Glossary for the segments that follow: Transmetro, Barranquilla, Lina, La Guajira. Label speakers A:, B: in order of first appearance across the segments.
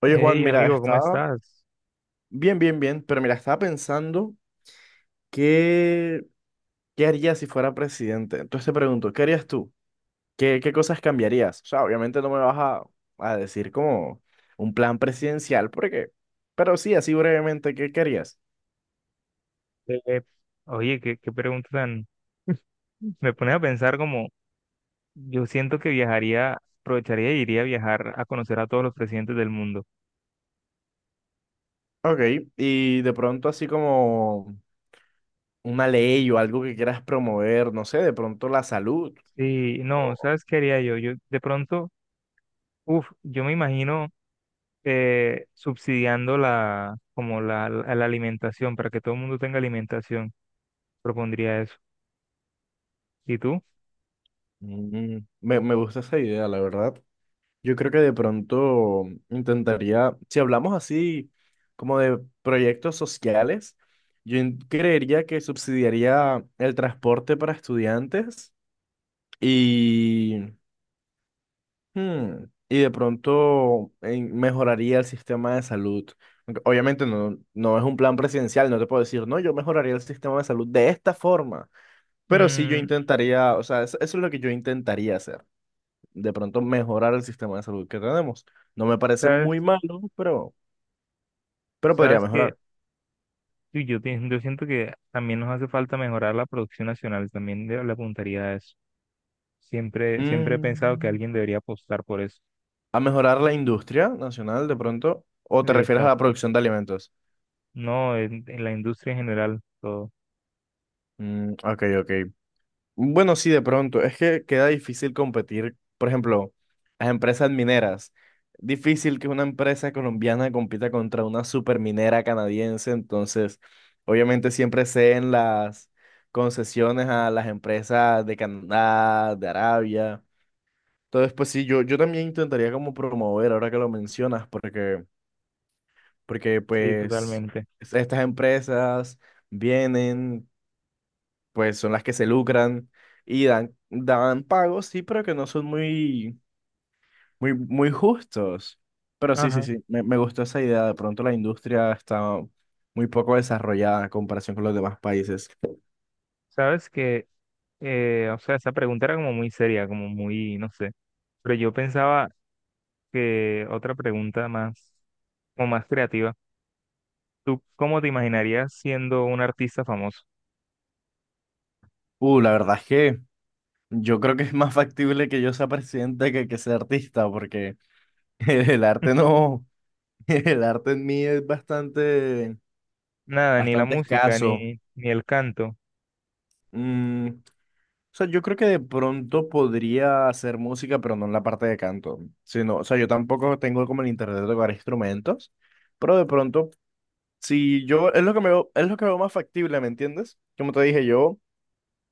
A: Oye, Juan,
B: Hey,
A: mira,
B: amigo, ¿cómo
A: estaba
B: estás?
A: bien, bien, bien, pero mira, estaba pensando qué, qué haría si fuera presidente. Entonces te pregunto, ¿qué harías tú? ¿Qué cosas cambiarías? O sea, obviamente no me vas a decir como un plan presidencial, porque, pero sí, así brevemente, ¿qué querías?
B: Eh, oye, qué pregunta tan. Me pones a pensar como, yo siento que viajaría, aprovecharía y iría a viajar a conocer a todos los presidentes del mundo.
A: Ok, y de pronto así como una ley o algo que quieras promover, no sé, de pronto la salud.
B: Sí, no,
A: o-
B: ¿sabes qué haría yo? Yo me imagino subsidiando como la alimentación, para que todo el mundo tenga alimentación, propondría eso. ¿Y tú?
A: Mm, me gusta esa idea, la verdad. Yo creo que de pronto intentaría, si hablamos así como de proyectos sociales, creería que subsidiaría el transporte para estudiantes y, y de pronto mejoraría el sistema de salud. Aunque obviamente no es un plan presidencial, no te puedo decir, no, yo mejoraría el sistema de salud de esta forma, pero sí yo
B: Mm,
A: intentaría, o sea, eso es lo que yo intentaría hacer de pronto mejorar el sistema de salud que tenemos. No me parece
B: ¿sabes?
A: muy malo, pero podría
B: ¿Sabes qué?
A: mejorar.
B: Uy, yo siento que también nos hace falta mejorar la producción nacional, también le apuntaría a eso. Siempre, siempre he pensado que
A: Mm,
B: alguien debería apostar por eso.
A: a mejorar la industria nacional de pronto, o te refieres a la
B: Exacto.
A: producción de alimentos.
B: No, en la industria en general, todo.
A: Mm, ok, ok. Bueno, sí, de pronto. Es que queda difícil competir, por ejemplo, las empresas mineras. Difícil que una empresa colombiana compita contra una superminera canadiense. Entonces, obviamente siempre ceden las concesiones a las empresas de Canadá, de Arabia. Entonces, pues sí, yo también intentaría como promover, ahora que lo mencionas, porque, porque
B: Sí,
A: pues
B: totalmente.
A: estas empresas vienen, pues son las que se lucran y dan pagos, sí, pero que no son muy, muy, muy justos. Pero sí, sí,
B: Ajá.
A: sí, me gustó esa idea. De pronto la industria está muy poco desarrollada en comparación con los demás países.
B: Sabes que, o sea, esa pregunta era como muy seria, como muy, no sé. Pero yo pensaba que otra pregunta más, como más creativa. ¿Tú cómo te imaginarías siendo un artista famoso?
A: La verdad es que yo creo que es más factible que yo sea presidente que sea artista, porque el arte no, el arte en mí es bastante,
B: Nada, ni la
A: bastante
B: música,
A: escaso.
B: ni el canto.
A: Mm, o sea, yo creo que de pronto podría hacer música, pero no en la parte de canto. Sino, o sea, yo tampoco tengo como el interés de tocar instrumentos, pero de pronto, si yo, es lo que me veo, es lo que veo más factible, ¿me entiendes? Como te dije, yo,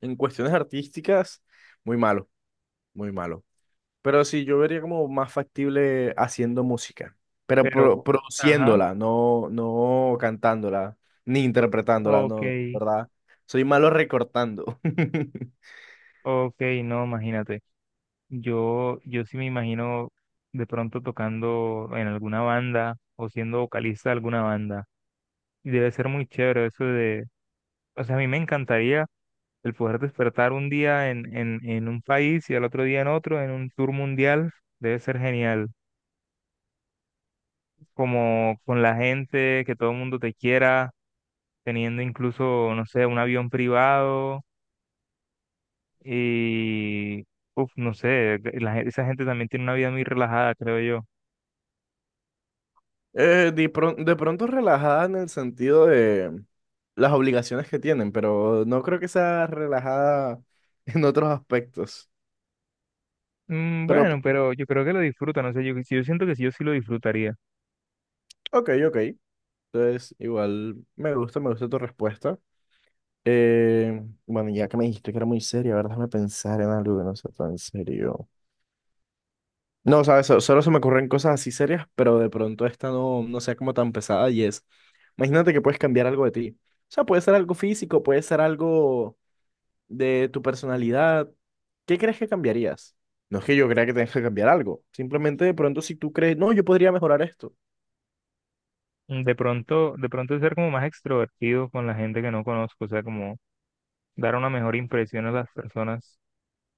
A: en cuestiones artísticas, muy malo, muy malo. Pero sí, yo vería como más factible haciendo música, pero
B: Pero, ajá,
A: produciéndola, no, no cantándola, ni interpretándola,
B: ok,
A: no, ¿verdad? Soy malo recortando.
B: ok, no, imagínate. Yo sí me imagino de pronto tocando en alguna banda o siendo vocalista de alguna banda. Y debe ser muy chévere eso de, o sea, a mí me encantaría el poder despertar un día en un país y al otro día en otro, en un tour mundial. Debe ser genial. Como con la gente, que todo el mundo te quiera, teniendo incluso, no sé, un avión privado y, no sé, esa gente también tiene una vida muy relajada, creo yo.
A: De pronto relajada en el sentido de las obligaciones que tienen, pero no creo que sea relajada en otros aspectos.
B: Mm,
A: Pero, p-
B: bueno, pero yo creo que lo disfruta, no sé, yo siento que sí, yo sí lo disfrutaría.
A: ok, ok. Entonces, igual me gusta tu respuesta. Bueno, ya que me dijiste que era muy seria, a ver, déjame pensar en algo que no sea tan serio. No, sabes, solo se me ocurren cosas así serias, pero de pronto esta no, no sea como tan pesada y es, imagínate que puedes cambiar algo de ti. O sea, puede ser algo físico, puede ser algo de tu personalidad, ¿qué crees que cambiarías? No es que yo crea que tengas que cambiar algo, simplemente de pronto si tú crees, no, yo podría mejorar esto.
B: Mm, de pronto ser como más extrovertido con la gente que no conozco, o sea, como dar una mejor impresión a las personas,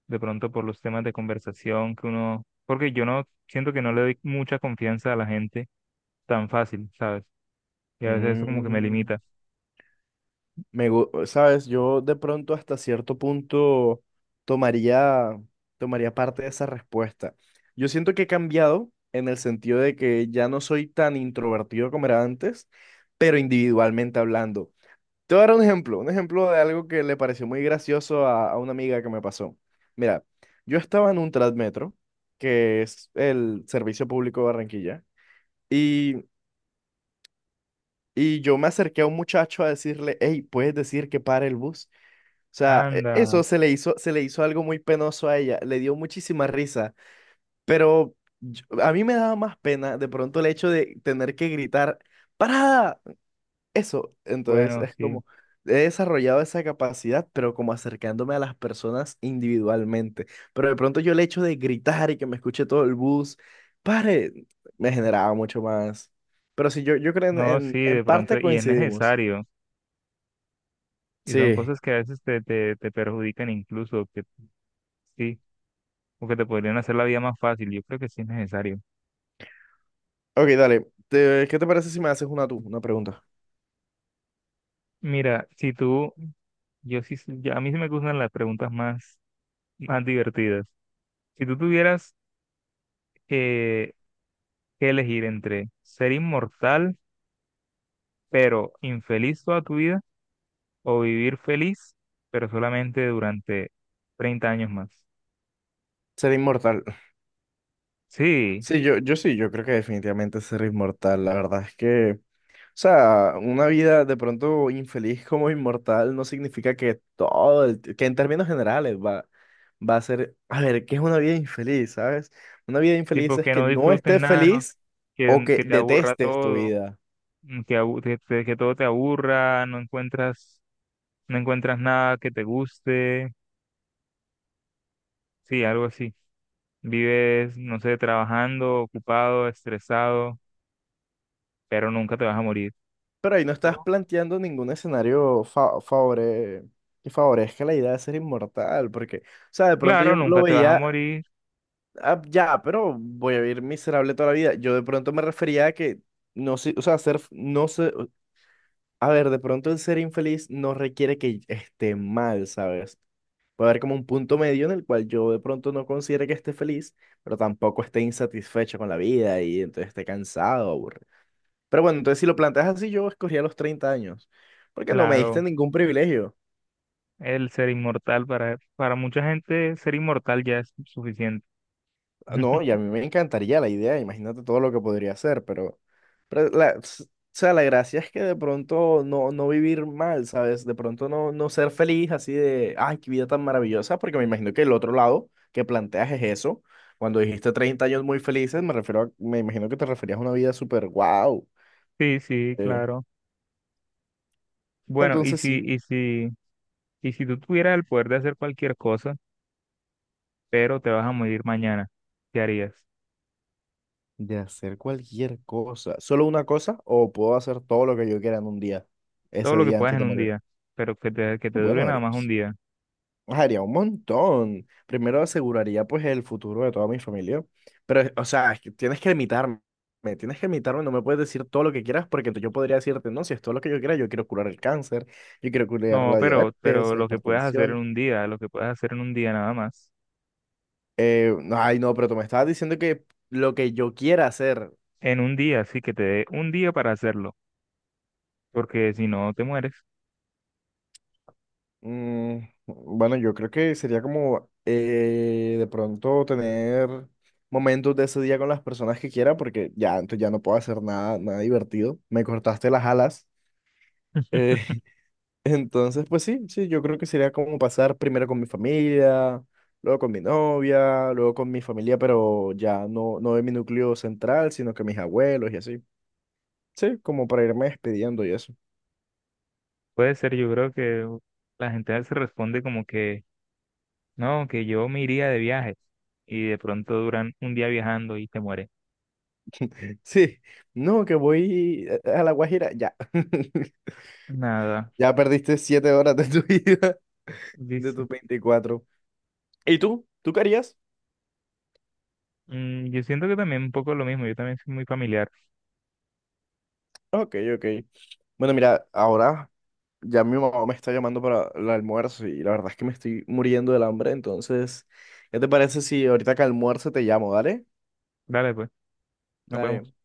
B: de pronto por los temas de conversación que uno, porque yo no siento que no le doy mucha confianza a la gente tan fácil, ¿sabes? Y a veces eso como que me
A: Mm,
B: limita.
A: sabes, yo de pronto hasta cierto punto tomaría, tomaría parte de esa respuesta. Yo siento que he cambiado en el sentido de que ya no soy tan introvertido como era antes, pero individualmente hablando. Te voy a dar un ejemplo de algo que le pareció muy gracioso a una amiga que me pasó. Mira, yo estaba en un Transmetro, que es el servicio público de Barranquilla, y, y yo me acerqué a un muchacho a decirle, hey, ¿puedes decir que pare el bus? O sea, eso
B: Anda,
A: se le hizo algo muy penoso a ella, le dio muchísima risa, pero a mí me daba más pena de pronto el hecho de tener que gritar, ¡Parada! Eso, entonces
B: bueno,
A: es
B: sí,
A: como, he desarrollado esa capacidad, pero como acercándome a las personas individualmente. Pero de pronto yo el hecho de gritar y que me escuche todo el bus, pare, me generaba mucho más. Pero sí, yo creo
B: no, sí,
A: en
B: de pronto,
A: parte
B: y es
A: coincidimos.
B: necesario, y son
A: Sí.
B: cosas que a veces te perjudican incluso, que sí. O que te podrían hacer la vida más fácil. Yo creo que sí es necesario.
A: Ok, dale. ¿Qué te parece si me haces una tú, una pregunta?
B: Mira, si tú, yo sí, a mí sí me gustan las preguntas más divertidas. Si tú tuvieras eh, que elegir entre ser inmortal, pero infeliz toda tu vida, o vivir feliz, pero solamente durante 30 años más.
A: Ser inmortal.
B: Sí,
A: Sí, yo sí, yo creo que definitivamente ser inmortal. La verdad es que... O sea, una vida de pronto infeliz como inmortal no significa que todo, el que en términos generales va, va a ser, a ver, ¿qué es una vida infeliz, sabes? Una vida infeliz
B: tipo
A: es
B: que
A: que
B: no
A: no
B: disfrutes
A: estés
B: nada, ¿no?
A: feliz o
B: que,
A: que
B: que te aburra
A: detestes tu
B: todo,
A: vida.
B: que todo te aburra, no encuentras nada que te guste, sí, algo así. Vives, no sé, trabajando, ocupado, estresado, pero nunca te vas a morir.
A: Pero ahí no estás
B: Oh.
A: planteando ningún escenario que favorezca la idea de ser inmortal, porque, o sea, de pronto
B: Claro,
A: yo lo
B: nunca te vas a
A: veía,
B: morir.
A: "Ah, ya, pero voy a vivir miserable toda la vida." Yo de pronto me refería a que no sé, o sea, ser, no sé, a ver, de pronto el ser infeliz no requiere que esté mal, ¿sabes? Puede haber como un punto medio en el cual yo de pronto no considere que esté feliz, pero tampoco esté insatisfecho con la vida y entonces esté cansado, aburrido. Pero bueno, entonces si lo planteas así, yo escogía los 30 años, porque no me diste
B: Claro,
A: ningún privilegio.
B: el ser inmortal para mucha gente, ser inmortal ya es suficiente.
A: No, y a mí me encantaría la idea, imagínate todo lo que podría hacer, pero o sea, la gracia es que de pronto no, no vivir mal, ¿sabes? De pronto no, no ser feliz así de, ay, qué vida tan maravillosa, porque me imagino que el otro lado que planteas es eso. Cuando dijiste 30 años muy felices, me imagino que te referías a una vida súper wow.
B: Sí, sí, claro. Bueno, y
A: Entonces
B: si,
A: sí,
B: y si, y si tú tuvieras el poder de hacer cualquier cosa, pero te vas a morir mañana, ¿qué harías?
A: de hacer cualquier cosa, solo una cosa, o puedo hacer todo lo que yo quiera en un día,
B: Todo
A: ese
B: lo que
A: día
B: puedas
A: antes
B: en
A: de
B: un
A: morir.
B: día, pero que te dure
A: Bueno,
B: nada
A: Ari.
B: más un día.
A: Haría un montón. Primero aseguraría pues el futuro de toda mi familia. Pero, o sea, es que tienes que limitarme. Tienes que limitarme, no me puedes decir todo lo que quieras porque entonces yo podría decirte, no, si es todo lo que yo quiera, yo quiero curar el cáncer, yo quiero curar
B: No,
A: la
B: pero,
A: diabetes,
B: pero
A: la
B: lo que puedas hacer en
A: hipertensión.
B: un día, lo que puedas hacer en un día nada más.
A: No, ay, no, pero tú me estabas diciendo que lo que yo quiera hacer,
B: En un día, sí que te dé un día para hacerlo, porque si no te mueres.
A: mm, bueno, yo creo que sería como de pronto tener momentos de ese día con las personas que quiera, porque ya, entonces ya no puedo hacer nada, nada divertido. Me cortaste las alas. Eh, entonces, pues sí, sí, yo creo que sería como pasar primero con mi familia, luego con mi novia, luego con mi familia, pero ya no, no de mi núcleo central, sino que mis abuelos y así. Sí, como para irme despidiendo y eso.
B: Puede ser, yo creo que la gente se responde como que, no, que yo me iría de viaje y de pronto duran un día viajando y te muere.
A: Sí, no, que voy a La Guajira, ya.
B: Nada,
A: Ya perdiste 7 horas de tu vida, de
B: dice.
A: tus 24. ¿Y tú? ¿Tú qué harías?
B: Mm, yo siento que también un poco lo mismo, yo también soy muy familiar.
A: Ok, ok. Bueno, mira, ahora ya mi mamá me está llamando para el almuerzo y la verdad es que me estoy muriendo del hambre, entonces, ¿qué te parece si ahorita que almuerzo te llamo, dale?
B: Dale, pues, nos
A: Dale.
B: vemos.